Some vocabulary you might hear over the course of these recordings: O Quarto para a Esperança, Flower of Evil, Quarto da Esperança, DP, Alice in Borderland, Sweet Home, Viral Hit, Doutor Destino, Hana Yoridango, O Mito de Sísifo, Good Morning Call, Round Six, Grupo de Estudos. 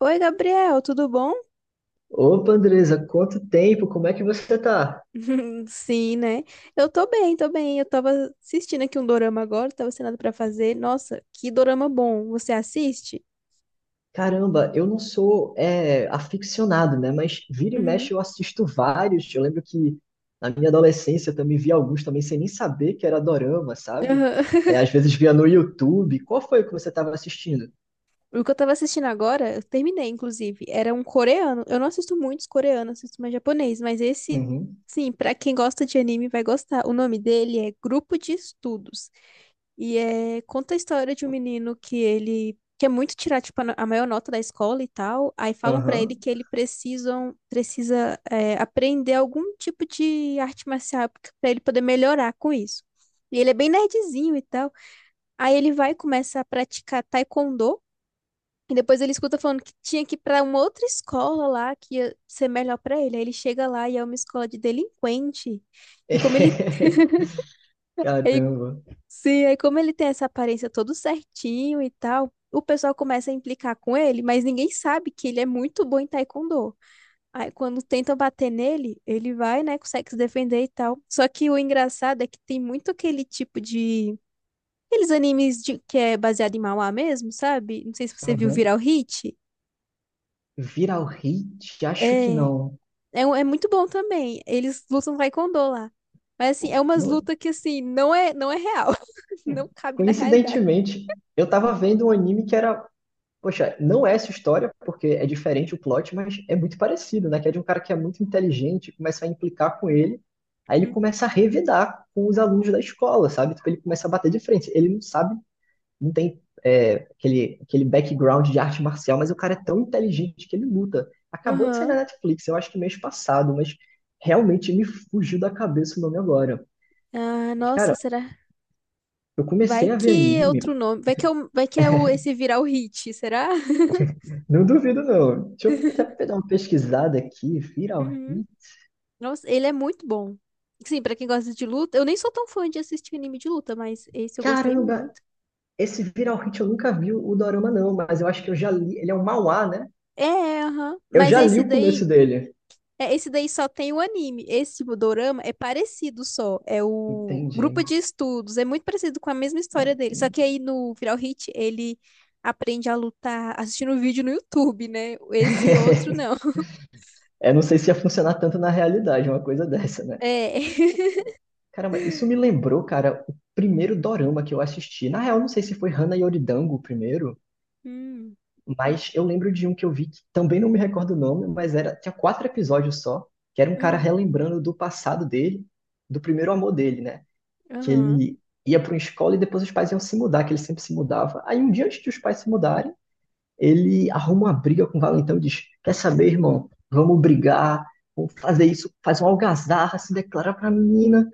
Oi, Gabriel, tudo bom? Opa, Andresa, quanto tempo? Como é que você tá? Sim, né? Eu tô bem. Eu tava assistindo aqui um dorama agora, tava sem nada pra fazer. Nossa, que dorama bom. Você assiste? Caramba, eu não sou aficionado, né? Mas vira e Uhum. mexe eu assisto vários. Eu lembro que na minha adolescência eu também vi alguns também sem nem saber que era dorama, sabe? Aham. É, às vezes via no YouTube. Qual foi que você estava assistindo? O que eu tava assistindo agora, eu terminei, inclusive. Era um coreano. Eu não assisto muitos coreanos, assisto mais japonês, mas esse, Uhum, sim, pra quem gosta de anime vai gostar. O nome dele é Grupo de Estudos. E é, conta a história de um menino que ele quer muito tirar tipo, a no- a maior nota da escola e tal. Aí falam pra ele aham. que precisa é, aprender algum tipo de arte marcial pra ele poder melhorar com isso. E ele é bem nerdzinho e tal. Aí ele vai e começa a praticar taekwondo. E depois ele escuta falando que tinha que ir pra uma outra escola lá que ia ser melhor pra ele. Aí ele chega lá e é uma escola de delinquente. E como ele, ele Caramba. Sim, aí como ele tem essa aparência todo certinho e tal, o pessoal começa a implicar com ele, mas ninguém sabe que ele é muito bom em taekwondo. Aí quando tentam bater nele, ele vai, né, consegue se defender e tal. Só que o engraçado é que tem muito aquele tipo de... Aqueles animes de... que é baseado em manhwa mesmo, sabe? Não sei se você viu Aham. Viral Hit. Viral Hit? Acho que É, não. É muito bom também. Eles lutam taekwondo lá. Mas assim, é umas Não, lutas que assim, não é real. é. Não cabe na realidade. Coincidentemente, eu tava vendo um anime que era. Poxa, não é essa história, porque é diferente o plot, mas é muito parecido, né? Que é de um cara que é muito inteligente, começa a implicar com ele, aí ele começa a revidar com os alunos da escola, sabe? Tipo, ele começa a bater de frente. Ele não sabe, não tem aquele background de arte marcial, mas o cara é tão inteligente que ele luta. Acabou de sair na Aham. Netflix, eu acho que mês passado, mas realmente me fugiu da cabeça o nome agora. Ah, Mas, nossa, cara, será? eu Vai comecei a ver que é anime, outro nome. Vai que é, o, vai que é o, esse virar o hit, será? não duvido não. Deixa eu até dar uma pesquisada aqui, Viral Uhum. Hit. Nossa, ele é muito bom. Sim, pra quem gosta de luta, eu nem sou tão fã de assistir anime de luta, mas esse eu gostei Caramba, muito. esse Viral Hit eu nunca vi o Dorama, não, mas eu acho que eu já li. Ele é um manhwa, né? É, aham. Eu Mas já li esse o começo daí, dele. é, esse daí só tem o anime. Esse tipo dorama é parecido só. É o Entendi. grupo de estudos, é muito parecido com a mesma Ah, história dele. Só entendi. que aí no Viral Hit ele aprende a lutar assistindo vídeo no YouTube, né? Esse outro não. É, não sei se ia funcionar tanto na realidade, uma coisa dessa, né? É. Caramba, isso me lembrou, cara, o primeiro dorama que eu assisti. Na real, não sei se foi Hana Yoridango o primeiro, Hum, mas eu lembro de um que eu vi que também não me recordo o nome, mas era, tinha 4 episódios só, que era um cara uhum, relembrando do passado dele, do primeiro amor dele, né? Que aham, ele ia para uma escola e depois os pais iam se mudar, que ele sempre se mudava. Aí um dia antes de os pais se mudarem, ele arruma uma briga com o Valentão e diz: "Quer saber, irmão? Vamos brigar, vamos fazer isso", faz uma algazarra, se declara pra menina.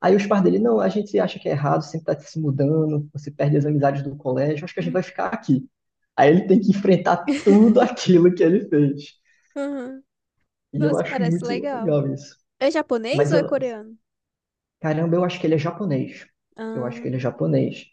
Aí os pais dele: "Não, a gente acha que é errado, sempre tá se mudando, você perde as amizades do colégio, acho que a gente hum, vai ficar aqui." Aí ele tem que enfrentar tudo aquilo que ele fez. aham. E eu Nossa, acho parece muito legal. legal isso. É japonês Mas ou eu, é coreano? caramba, eu acho que ele é japonês. Eu acho que Ah, ele é japonês.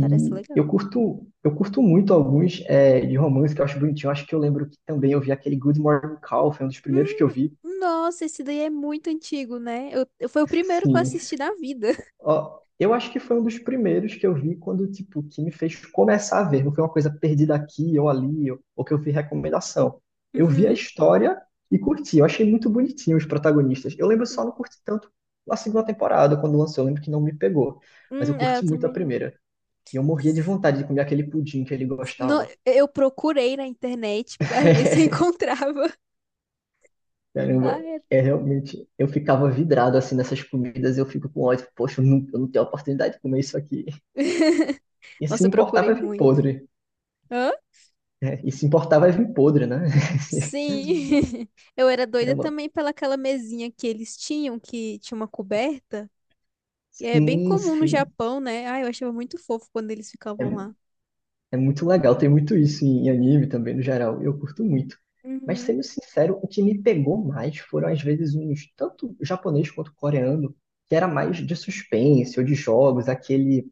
parece eu legal. curto, eu curto muito alguns de romance que eu acho bonitinho. Eu acho que eu lembro que também eu vi aquele Good Morning Call, foi um dos primeiros que eu Hum, vi. nossa, esse daí é muito antigo, né? Foi o primeiro que eu Sim. assisti na vida. Ó, eu acho que foi um dos primeiros que eu vi quando, tipo, que me fez começar a ver. Não foi uma coisa perdida aqui ou ali, ou que eu vi recomendação. Eu vi a Uhum. história e curti. Eu achei muito bonitinho os protagonistas. Eu lembro só não curti tanto a segunda temporada, quando lançou. Eu lembro que não me pegou. Mas eu É, eu curti muito a também não. primeira. E eu morria de S- vontade de comer aquele pudim que ele gostava. eu procurei na internet pra ver se eu encontrava. Ah, Caramba, era. é realmente. Eu ficava vidrado assim nessas comidas, eu fico com ódio. Poxa, eu não tenho oportunidade de comer isso aqui. E se Nossa, eu importar, procurei vai vir muito. podre. Hã? Né? E se importar, vai vir podre, né? Sim. Eu era doida Caramba, também pela aquela mesinha que eles tinham, que tinha uma coberta. Que é bem sim, comum no sim. Japão, né? Ah, eu achava muito fofo quando eles É, ficavam lá. é muito legal, tem muito isso em anime também, no geral. Eu curto muito. Mas Uhum. sendo sincero, o que me pegou mais foram às vezes uns, tanto japonês quanto coreano, que era mais de suspense ou de jogos, aquele.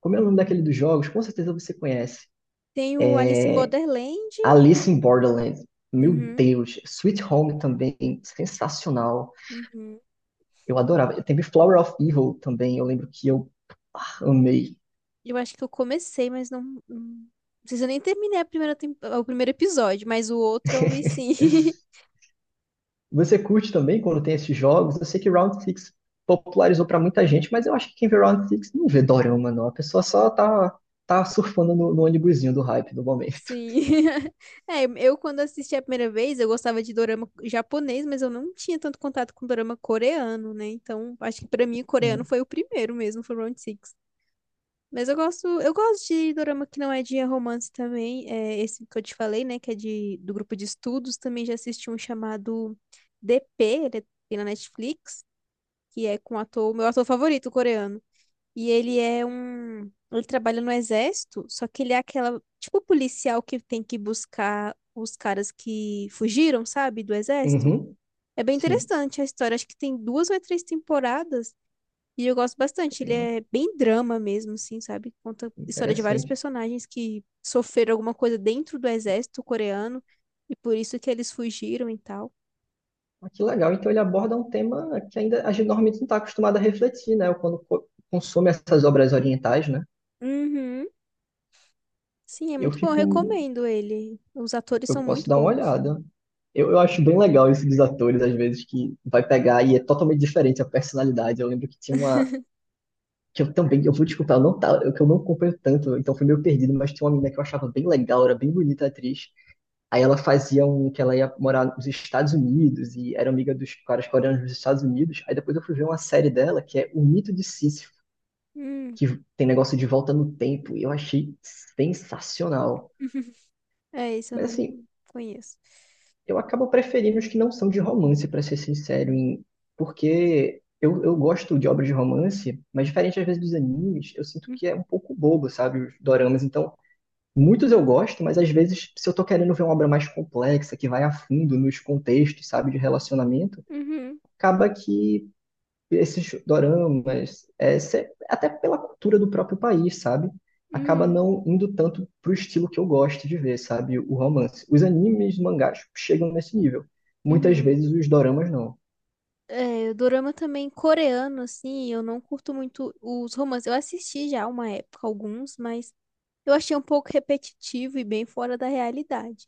Como é o nome daquele dos jogos? Com certeza você conhece. Tem o Alice in Borderland. Alice in Borderland. Meu Uhum, Deus. Sweet Home também, sensacional. uhum. Eu adorava. Teve Flower of Evil também, eu lembro que eu amei. Eu acho que eu comecei, mas não. Não, não sei se eu nem terminei a o primeiro episódio, mas o outro eu vi sim. Você curte também quando tem esses jogos? Eu sei que Round Six popularizou pra muita gente, mas eu acho que quem vê Round Six não vê Dorama, não. A pessoa só tá surfando no ônibusinho do hype do momento. Sim. É, eu quando assisti a primeira vez, eu gostava de dorama japonês, mas eu não tinha tanto contato com dorama coreano, né? Então, acho que pra mim o coreano Hum. foi o primeiro mesmo, foi o Round Six. Mas eu gosto de dorama que não é de romance também. É esse que eu te falei, né? Que é de, do grupo de estudos. Também já assisti um chamado DP, ele tem na Netflix, que é com o ator, meu ator favorito, coreano. E ele é um. Ele trabalha no exército, só que ele é aquela, tipo, policial que tem que buscar os caras que fugiram, sabe, do exército. Uhum. É bem Sim. interessante a história. Acho que tem duas ou três temporadas. E eu gosto bastante. Ele Nossa, é bem drama mesmo, assim, sabe? Conta história de vários interessante. personagens que sofreram alguma coisa dentro do exército coreano e por isso que eles fugiram e tal. Ah, que legal. Então ele aborda um tema que ainda a gente normalmente não está acostumado a refletir, né? Quando consome essas obras orientais, né? Uhum. Sim, é Eu muito bom. Eu fico, recomendo ele. Os atores eu são posso muito dar uma bons. olhada. Eu acho bem legal isso dos atores, às vezes, que vai pegar e é totalmente diferente a personalidade. Eu lembro que tinha uma. Que eu também, eu vou desculpar, eu não tá, eu, que eu não acompanho tanto, então fui meio perdido, mas tinha uma menina que eu achava bem legal, era bem bonita a atriz. Aí ela fazia um que ela ia morar nos Estados Unidos e era amiga dos caras coreanos nos Estados Unidos. Aí depois eu fui ver uma série dela que é O Mito de Sísifo, Hum. que tem negócio de volta no tempo, e eu achei sensacional. É, isso eu Mas assim, não conheço. eu acabo preferindo os que não são de romance, pra ser sincero, porque eu gosto de obras de romance, mas diferente às vezes dos animes, eu sinto que é um pouco bobo, sabe, os doramas. Então, muitos eu gosto, mas às vezes, se eu tô querendo ver uma obra mais complexa, que vai a fundo nos contextos, sabe, de relacionamento, Uhum, acaba que esses doramas, até pela cultura do próprio país, sabe? Acaba uhum, não indo tanto pro estilo que eu gosto de ver, sabe? O romance. Os animes, mangás chegam nesse nível. Muitas uhum. vezes os doramas não. É, o dorama também coreano, assim, eu não curto muito os romances. Eu assisti já uma época alguns, mas eu achei um pouco repetitivo e bem fora da realidade.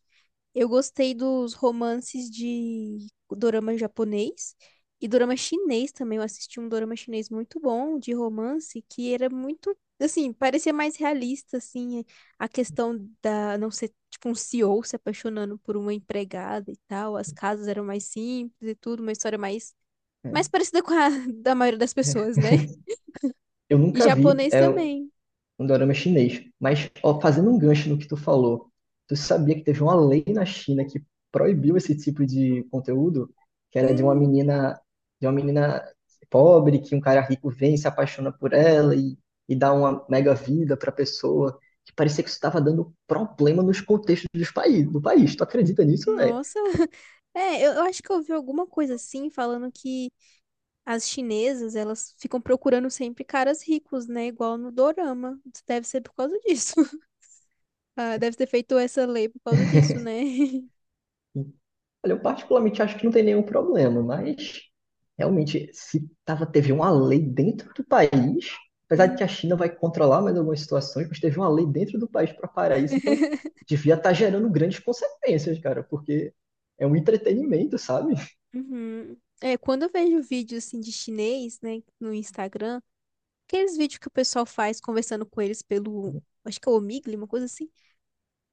Eu gostei dos romances de dorama japonês e dorama chinês também. Eu assisti um dorama chinês muito bom de romance que era muito, assim, parecia mais realista, assim, a questão da não ser tipo um CEO se apaixonando por uma empregada e tal. As casas eram mais simples e tudo, uma história mais Né? mais parecida com a da maioria das pessoas, né? Eu E nunca vi, japonês um também. dorama chinês. Mas, ó, fazendo um gancho no que tu falou, tu sabia que teve uma lei na China que proibiu esse tipo de conteúdo, que era de uma Hum. menina, de uma menina pobre, que um cara rico vem e se apaixona por ela e dá uma mega vida pra pessoa, que parecia que isso estava dando problema nos contextos dos do país. Tu acredita nisso, velho? Nossa, eu acho que eu ouvi alguma coisa assim, falando que as chinesas, elas ficam procurando sempre caras ricos, né? Igual no dorama. Isso deve ser por causa disso. Ah, deve ter feito essa lei por causa disso, né? Olha, eu particularmente acho que não tem nenhum problema, mas realmente, se tava, teve uma lei dentro do país, apesar de que Uhum. a China vai controlar mais algumas situações, mas teve uma lei dentro do país para parar isso, então devia estar gerando grandes consequências, cara, porque é um entretenimento, sabe? Uhum. É, quando eu vejo vídeos assim de chinês, né, no Instagram, aqueles vídeos que o pessoal faz conversando com eles pelo, acho que é o Omegle, uma coisa assim.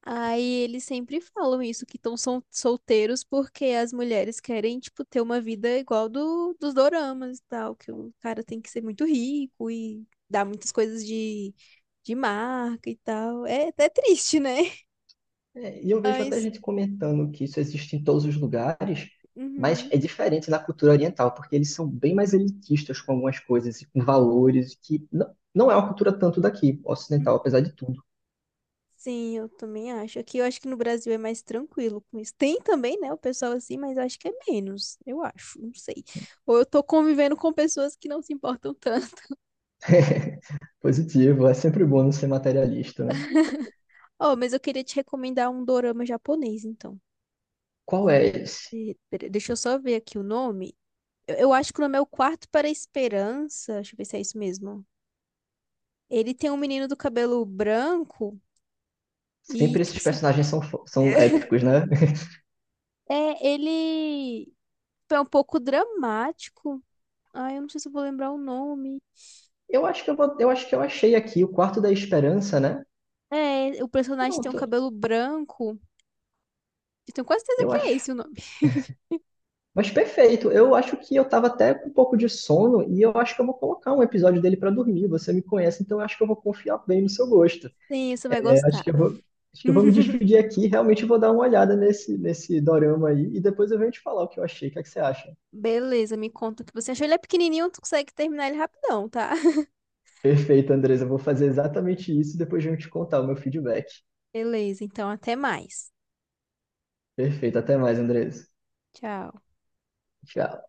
Aí eles sempre falam isso, que estão solteiros porque as mulheres querem, tipo, ter uma vida igual do, dos doramas e tal, que o cara tem que ser muito rico e dar muitas coisas de marca e tal. É até triste, né? É, e eu vejo até Mas, gente comentando que isso existe em todos os lugares, mas uhum. é diferente na cultura oriental, porque eles são bem mais elitistas com algumas coisas e com valores que não é uma cultura tanto daqui, ocidental, apesar de tudo. Sim, eu também acho. Aqui eu acho que no Brasil é mais tranquilo com isso. Tem também, né, o pessoal assim, mas eu acho que é menos, eu acho, não sei. Ou eu tô convivendo com pessoas que não se importam tanto. Positivo, é sempre bom não ser materialista, né? Oh, mas eu queria te recomendar um dorama japonês, então. Qual é esse? E, deixa eu só ver aqui o nome. Eu acho que o nome é O Quarto para a Esperança. Deixa eu ver se é isso mesmo. Ele tem um menino do cabelo branco e, Sempre tipo esses assim, personagens são épicos, né? é, ele é um pouco dramático. Ai, eu não sei se eu vou lembrar o nome. Eu acho que eu achei aqui o Quarto da Esperança, né? É, o personagem tem um Pronto, cabelo branco. Eu tenho quase certeza eu que é acho. esse o nome. Mas perfeito, eu acho que eu tava até com um pouco de sono e eu acho que eu vou colocar um episódio dele pra dormir. Você me conhece, então eu acho que eu vou confiar bem no seu gosto. Sim, você vai É, acho gostar. que eu vou, acho que eu vou me despedir aqui, realmente vou dar uma olhada nesse dorama aí e depois eu venho te falar o que eu achei. O que é que você acha? Beleza, me conta o que você achou. Ele é pequenininho, tu consegue terminar ele rapidão, tá? Perfeito, Andresa. Eu vou fazer exatamente isso e depois de eu te contar o meu feedback. Beleza, então até mais. Perfeito. Até mais, Andresa. Tchau. Tchau.